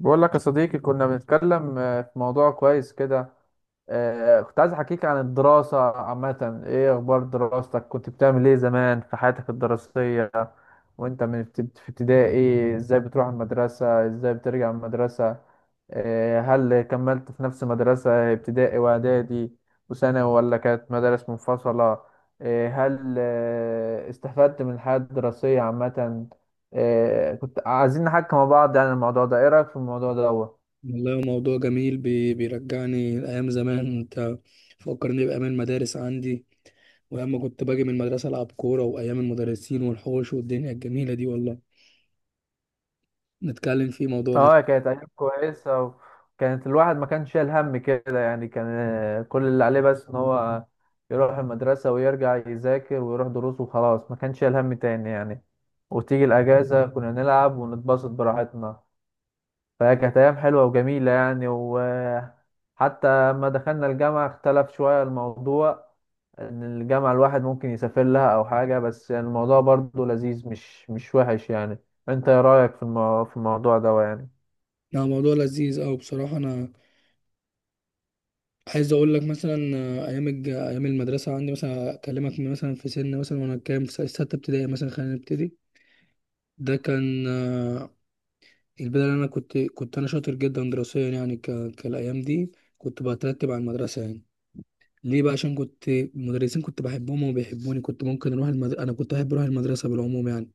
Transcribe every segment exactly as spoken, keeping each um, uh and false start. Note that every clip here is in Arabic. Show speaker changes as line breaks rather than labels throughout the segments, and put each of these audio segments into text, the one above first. بقول لك يا صديقي، كنا بنتكلم آه، في موضوع كويس كده. آه، كنت عايز احكيك عن الدراسة عامة. ايه اخبار دراستك؟ كنت بتعمل ايه زمان في حياتك الدراسية؟ وانت من ابت- في ابتدائي ازاي بتروح المدرسة؟ ازاي بترجع من المدرسة؟ آه، هل كملت في نفس مدرسة ابتدائي واعدادي وثانوي، ولا كانت مدارس منفصلة؟ آه، هل آه، استفدت من الحياة الدراسية عامة؟ آه، كنت عايزين نحكي مع بعض يعني الموضوع ده. ايه رأيك في الموضوع ده هو؟
والله هو موضوع جميل بي- بيرجعني لأيام زمان. أنت فكرني بأيام المدارس عندي، وأيام ما كنت باجي من المدرسة ألعب كورة، وأيام المدرسين والحوش والدنيا الجميلة دي. والله نتكلم فيه، موضوع جميل.
اه، كانت ايام كويسة، وكانت الواحد ما كانش شايل هم كده يعني. كان آه، كل اللي عليه بس ان هو يروح المدرسة ويرجع يذاكر ويروح دروس وخلاص، ما كانش شايل هم تاني يعني. وتيجي الأجازة كنا نلعب ونتبسط براحتنا. فكانت أيام حلوة وجميلة يعني. وحتى لما دخلنا الجامعة اختلف شوية الموضوع، إن الجامعة الواحد ممكن يسافر لها أو حاجة، بس يعني الموضوع برضه لذيذ، مش مش وحش يعني. أنت إيه رأيك في المو... في الموضوع ده يعني؟
يعني موضوع لذيذ أوي بصراحة. أنا عايز أقول لك مثلا، آه، أيام الج... أيام المدرسة عندي، مثلا أكلمك من مثلا في سن مثلا، وأنا كام في س- ستة ابتدائي مثلا. خلينا نبتدي. ده كان آه، البداية. اللي أنا كنت كنت أنا شاطر جدا دراسيا، يعني ك... كالأيام دي كنت بترتب على المدرسة يعني. ليه بقى؟ عشان كنت المدرسين كنت بحبهم وبيحبوني. كنت ممكن اروح المد... انا كنت بحب اروح المدرسه بالعموم يعني.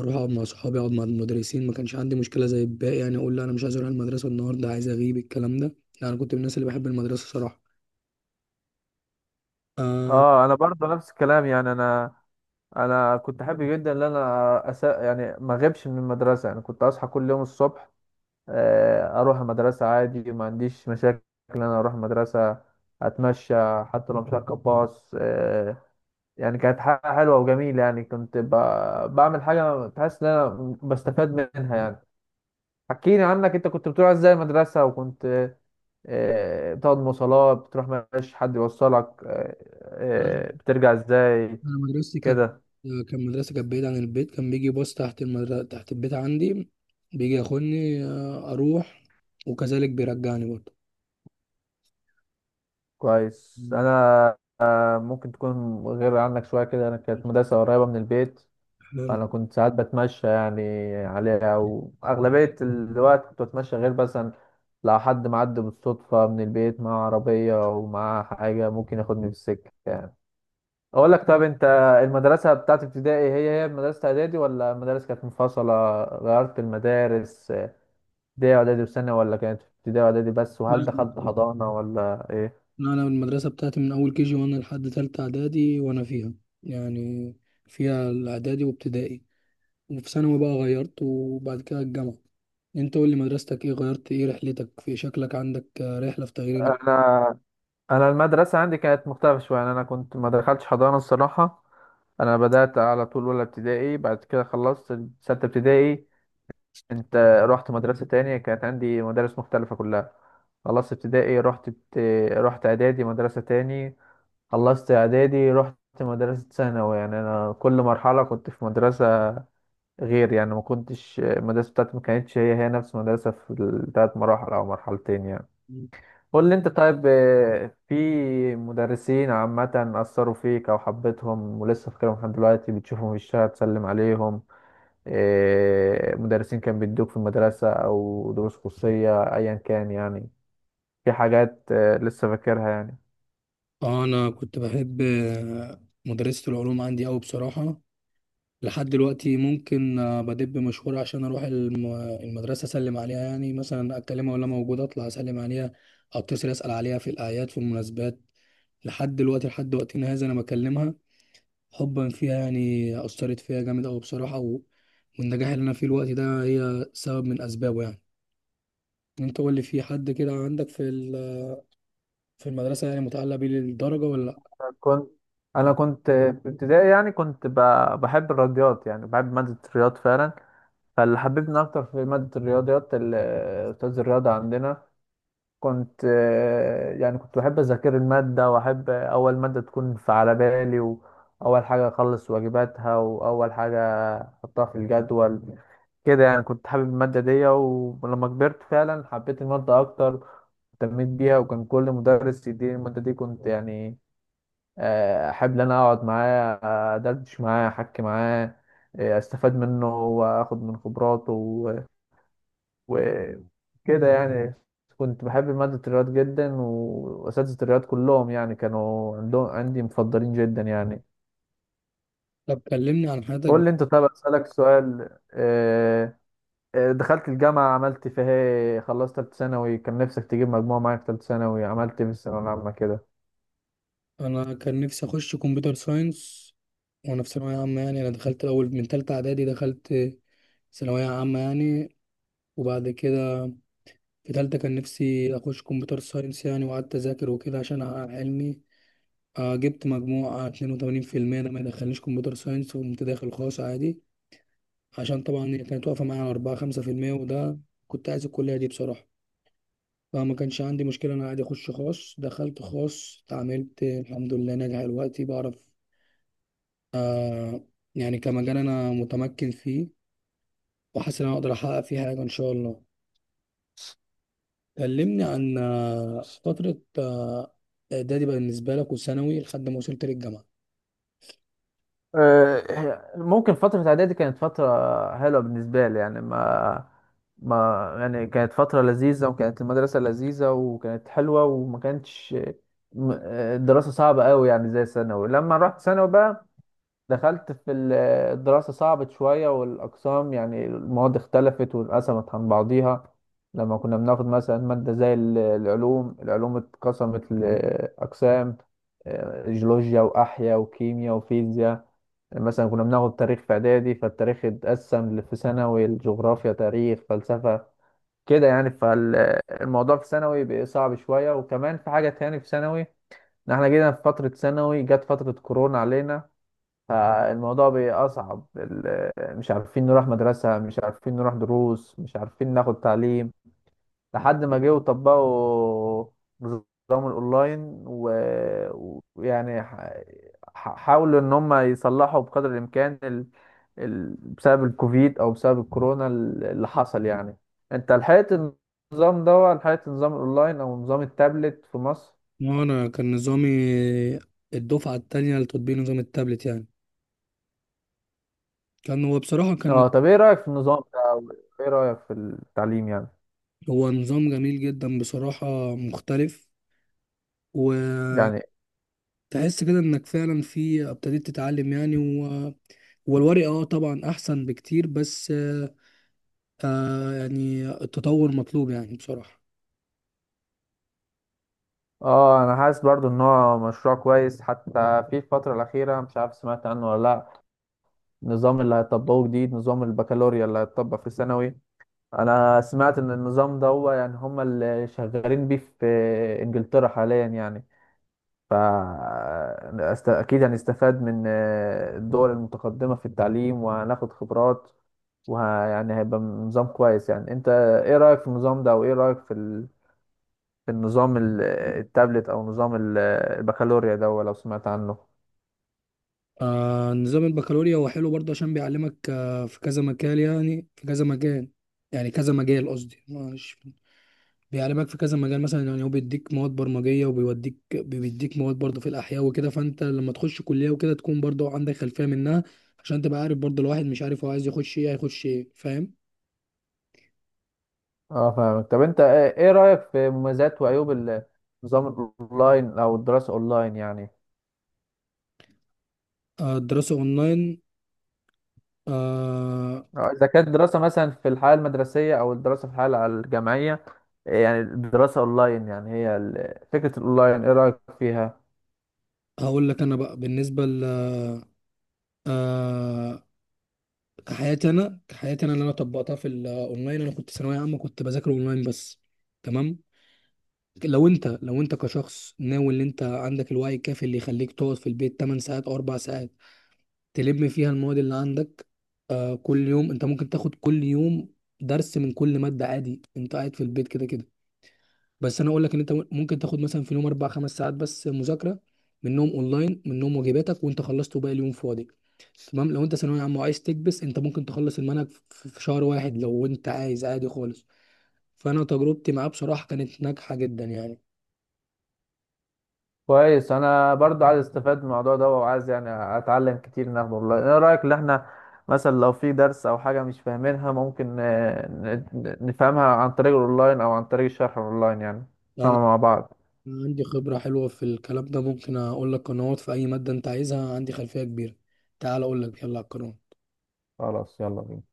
اروح اقعد مع صحابي، اقعد مع المدرسين. ما كانش عندي مشكله زي الباقي يعني، اقول لا انا مش عايز اروح المدرسه النهارده، عايز اغيب، الكلام ده. لا، انا كنت من الناس اللي بحب المدرسه صراحه. آه...
اه، انا برضه نفس الكلام يعني. انا انا كنت حابب جدا ان انا أس... يعني ما اغيبش من المدرسه يعني. كنت اصحى كل يوم الصبح، آه، اروح المدرسه عادي، ما عنديش مشاكل ان انا اروح المدرسه. اتمشى حتى لو مش هركب باص آه، يعني كانت حاجة حلوة وجميلة يعني. كنت ب... بعمل حاجة بحس إن أنا بستفاد منها يعني. حكيني عنك أنت. كنت بتروح إزاي المدرسة؟ وكنت آه، بتقعد مواصلات؟ بتروح مفيش حد يوصلك آه،
انا
آه، بترجع إزاي
مدرستي كانت،
كده؟
كان مدرسه كانت بعيده عن البيت. كان بيجي باص تحت المدرسه، تحت البيت عندي، بيجي ياخدني، آه، اروح، وكذلك بيرجعني برضه.
كويس.
مم.
أنا آه، ممكن تكون غير عنك شوية كده. أنا كانت مدرسة قريبة من البيت،
حلو.
فأنا كنت ساعات بتمشى يعني عليها، وأغلبية الوقت كنت بتمشى، غير مثلا لو حد معدي بالصدفة من البيت معاه عربية ومعاه حاجة ممكن ياخدني في السكة يعني. أقول لك، طب أنت المدرسة بتاعت ابتدائي هي هي مدرسة إعدادي، ولا المدارس كانت منفصلة؟ غيرت المدارس؟ ابتدائي وإعدادي وسنة، ولا كانت ابتدائي وإعدادي بس؟ وهل دخلت حضانة ولا إيه؟
انا المدرسه بتاعتي من اول كيجي وانا لحد تالتة اعدادي وانا فيها يعني. فيها الاعدادي وابتدائي، وفي ثانوي بقى غيرت، وبعد كده الجامعه. انت قول لي مدرستك ايه؟ غيرت ايه؟ رحلتك في شكلك، عندك رحله في تغيير؟
انا انا المدرسه عندي كانت مختلفه شويه يعني. انا كنت ما دخلتش حضانه الصراحه. انا بدات على طول اولى ابتدائي، بعد كده خلصت سته ابتدائي. انت رحت مدرسه تانية، كانت عندي مدارس مختلفه كلها. خلصت ابتدائي رحت بت... رحت اعدادي مدرسه تاني. خلصت اعدادي رحت مدرسه ثانوي يعني. انا كل مرحله كنت في مدرسه غير يعني، ما كنتش المدرسه بتاعتي ما كانتش هي هي نفس المدرسه في الثلاث مراحل او مرحلتين يعني.
الم...
قول لي انت طيب، آه، في مدرسين عامة أثروا فيك أو حبيتهم ولسه فاكرهم لحد دلوقتي، بتشوفهم في الشارع تسلم عليهم؟ آه، مدرسين كان بيدوك في المدرسة أو دروس خصوصية أيا كان يعني. في حاجات آه، لسه فاكرها يعني؟
اه انا كنت بحب آه، مدرسه العلوم عندي قوي بصراحه. لحد دلوقتي ممكن آه، بدب مشوار عشان اروح الم- المدرسه اسلم عليها يعني. مثلا اكلمها، ولا موجوده اطلع اسلم عليها، اتصل اسال عليها في الاعياد في المناسبات. لحد دلوقتي، لحد وقتنا هذا انا بكلمها حبا فيها يعني. اثرت فيها جامد قوي بصراحه، و... والنجاح اللي انا فيه الوقت ده، هي سبب من اسبابه يعني. انت قول لي، في حد كده عندك في ال... في المدرسه يعني متعلق بيه للدرجه ولا لا؟
كنت أنا كنت آه، في ابتدائي يعني كنت ب- بحب الرياضيات يعني، بحب مادة الرياض فعلا. فاللي حببني أكتر في مادة الرياضيات ال- آه، أستاذ الرياضة عندنا. كنت آه، يعني كنت بحب أذاكر المادة، وأحب أول مادة تكون في على بالي، وأول حاجة أخلص واجباتها، وأول حاجة أحطها في الجدول كده يعني. كنت حابب المادة دي. ولما كبرت فعلا حبيت المادة أكتر، اهتميت بيها. وكان كل مدرس يديني المادة دي كنت يعني آه، أحب إن أنا أقعد معاه، أدردش معاه أحكي معاه، آه، أستفاد منه وأخد من خبراته وكده يعني. كنت بحب مادة الرياض جدا، وأساتذة الرياض كلهم يعني كانوا عندهم عندي مفضلين جدا يعني.
طب كلمني عن حياتك.
قول لي أنت. طب أسألك سؤال آه، آه، دخلت الجامعة عملت فيها إيه؟ خلصت تالتة ثانوي كان نفسك تجيب مجموعة معاك في تالتة ثانوي؟ عملت إيه في الثانوية العامة كده؟
انا كان نفسي اخش كمبيوتر ساينس. وانا في ثانويه عامه، يعني انا دخلت الاول من ثالثه اعدادي، دخلت ثانويه عامه يعني. وبعد كده في ثالثه كان نفسي اخش كمبيوتر ساينس يعني. وقعدت اذاكر وكده عشان احقق علمي. آه، جبت مجموع اتنين وتمانين في المية، ده ما يدخلنيش كمبيوتر ساينس. وقمت داخل خاص عادي، عشان طبعا هي كانت واقفه معايا على اربعة خمسة في المية. وده، كنت عايز الكليه دي بصراحه، فما كانش عندي مشكله. انا عادي اخش خاص. دخلت خاص، اتعاملت، الحمد لله ناجح دلوقتي، بعرف آه، يعني كمجال أنا متمكن فيه، وحاسس إن أنا أقدر أحقق فيه حاجة إن شاء الله. كلمني عن آه، فترة آه، إعدادي بالنسبة لك وثانوي لحد ما وصلت للجامعة.
آه، هي- ممكن فترة إعدادي كانت فترة حلوة بالنسبة لي يعني. ما ما يعني كانت فترة لذيذة، وكانت المدرسة لذيذة وكانت حلوة، وما كانتش م- آه، الدراسة صعبة قوي يعني، زي ثانوي. لما رحت ثانوي بقى دخلت في ال- الدراسة صعبت شوية، والأقسام يعني المواد اختلفت وانقسمت عن بعضيها. لما كنا بناخد مثلا مادة زي ال- العلوم العلوم اتقسمت لأقسام، آه، جيولوجيا وأحياء وكيمياء وفيزياء. مثلا كنا بناخد تاريخ في اعدادي، فالتاريخ اتقسم ل- في ثانوي الجغرافيا تاريخ فلسفة كده يعني. فالموضوع في ثانوي بقى صعب شوية. وكمان في حاجة تاني في ثانوي، ان احنا جينا في فترة ثانوي جت فترة كورونا علينا. فالموضوع بقى أصعب ال- مش عارفين نروح مدرسة، مش عارفين نروح دروس، مش عارفين ناخد تعليم، لحد ما جه وطبقوا نظام الاونلاين. و- ويعني ح- ح- حاولوا ان هم يصلحوا بقدر الامكان ال... ال... بسبب الكوفيد او بسبب الكورونا ال- اللي حصل يعني. انت لحقت النظام ده، ولا لحقت نظام الاونلاين او نظام التابلت في مصر؟
وأنا كان نظامي الدفعة التانية لتطبيق نظام التابلت يعني. كان هو بصراحة كان
اه. طب ايه رأيك في النظام ده؟ ايه رأيك في التعليم يعني
هو نظام جميل جدا بصراحة، مختلف.
يعني
وتحس كده إنك فعلا في ابتديت تتعلم يعني. و والورق اه طبعا احسن بكتير، بس فيعني التطور مطلوب يعني بصراحة.
اه، انا حاسس برضو ان هو مشروع كويس. حتى في الفترة الأخيرة مش عارف سمعت عنه ولا لا، النظام اللي هيطبقوه جديد، نظام البكالوريا اللي هيطبق في الثانوي. انا سمعت ان النظام ده هو يعني هم اللي شغالين بيه في انجلترا حاليا يعني. ف است- اكيد هنستفاد من الدول المتقدمة في التعليم وهناخد خبرات، ويعني هيبقى نظام كويس يعني. انت ايه رأيك في النظام ده؟ وايه رأيك في ال- في النظام ال- التابلت او نظام ال- البكالوريا ده لو سمعت عنه؟
آه، نظام البكالوريا هو حلو برضه، عشان بيعلمك آه، في كذا مجال، يعني في كذا مجال يعني كذا مجال قصدي. مش بيعلمك في كذا مجال مثلا، يعني هو بيديك مواد برمجية، وبيوديك بيديك مواد برضه في الأحياء وكده. فأنت لما تخش كلية وكده تكون برضه عندك خلفية منها، عشان تبقى عارف برضه. الواحد مش عارف هو عايز يخش إيه، هيخش إيه، فاهم؟
اه فاهمك. طب انت ايه إيه رأيك في مميزات وعيوب النظام الاونلاين او الدراسة اونلاين يعني؟
آه، الدراسة أونلاين، آه،
آه، اذا كانت دراسة مثلا في الحياة المدرسية او الدراسة في الحياة الجامعية، إيه يعني الدراسة اونلاين؟ يعني هي ال- فكرة الاونلاين ايه رأيك فيها؟
هقول لك أنا بقى. بالنسبة ل آه، كحياتي انا، كحياتي انا اللي انا طبقتها في الاونلاين، انا كنت ثانويه عامه كنت بذاكر اونلاين بس. تمام. لو انت لو انت كشخص ناوي، ان انت عندك الوعي الكافي اللي يخليك تقعد في البيت 8 ساعات او 4 ساعات تلم فيها المواد اللي عندك آه، كل يوم انت ممكن تاخد كل يوم درس من كل ماده عادي، انت قاعد في البيت كده كده. بس انا اقول لك ان انت ممكن تاخد مثلا في اليوم اربع خمس ساعات بس مذاكره، منهم اونلاين منهم واجباتك وانت خلصت، وباقي اليوم فاضي. تمام. لو انت ثانويه عامه وعايز تكبس، انت ممكن تخلص المنهج في في شهر واحد لو انت عايز عادي خالص. فانا تجربتي معاه بصراحه كانت ناجحه جدا يعني.
كويس. انا برضو عايز استفاد من الموضوع ده، وعايز يعني اتعلم كتير ان اخده اونلاين. ايه رأيك ان احنا مثلا لو في درس او حاجة مش فاهمينها، ممكن آه، ن- ن- نفهمها عن طريق الاونلاين او عن طريق الشرح الاونلاين يعني،
انا
نفهمها مع بعض.
عندي خبره حلوه في الكلام ده، ممكن اقول لك قنوات في اي ماده انت عايزها، عندي خلفيه كبيره. تعال اقول لك، يلا على القنوات.
خلاص، يلا بينا.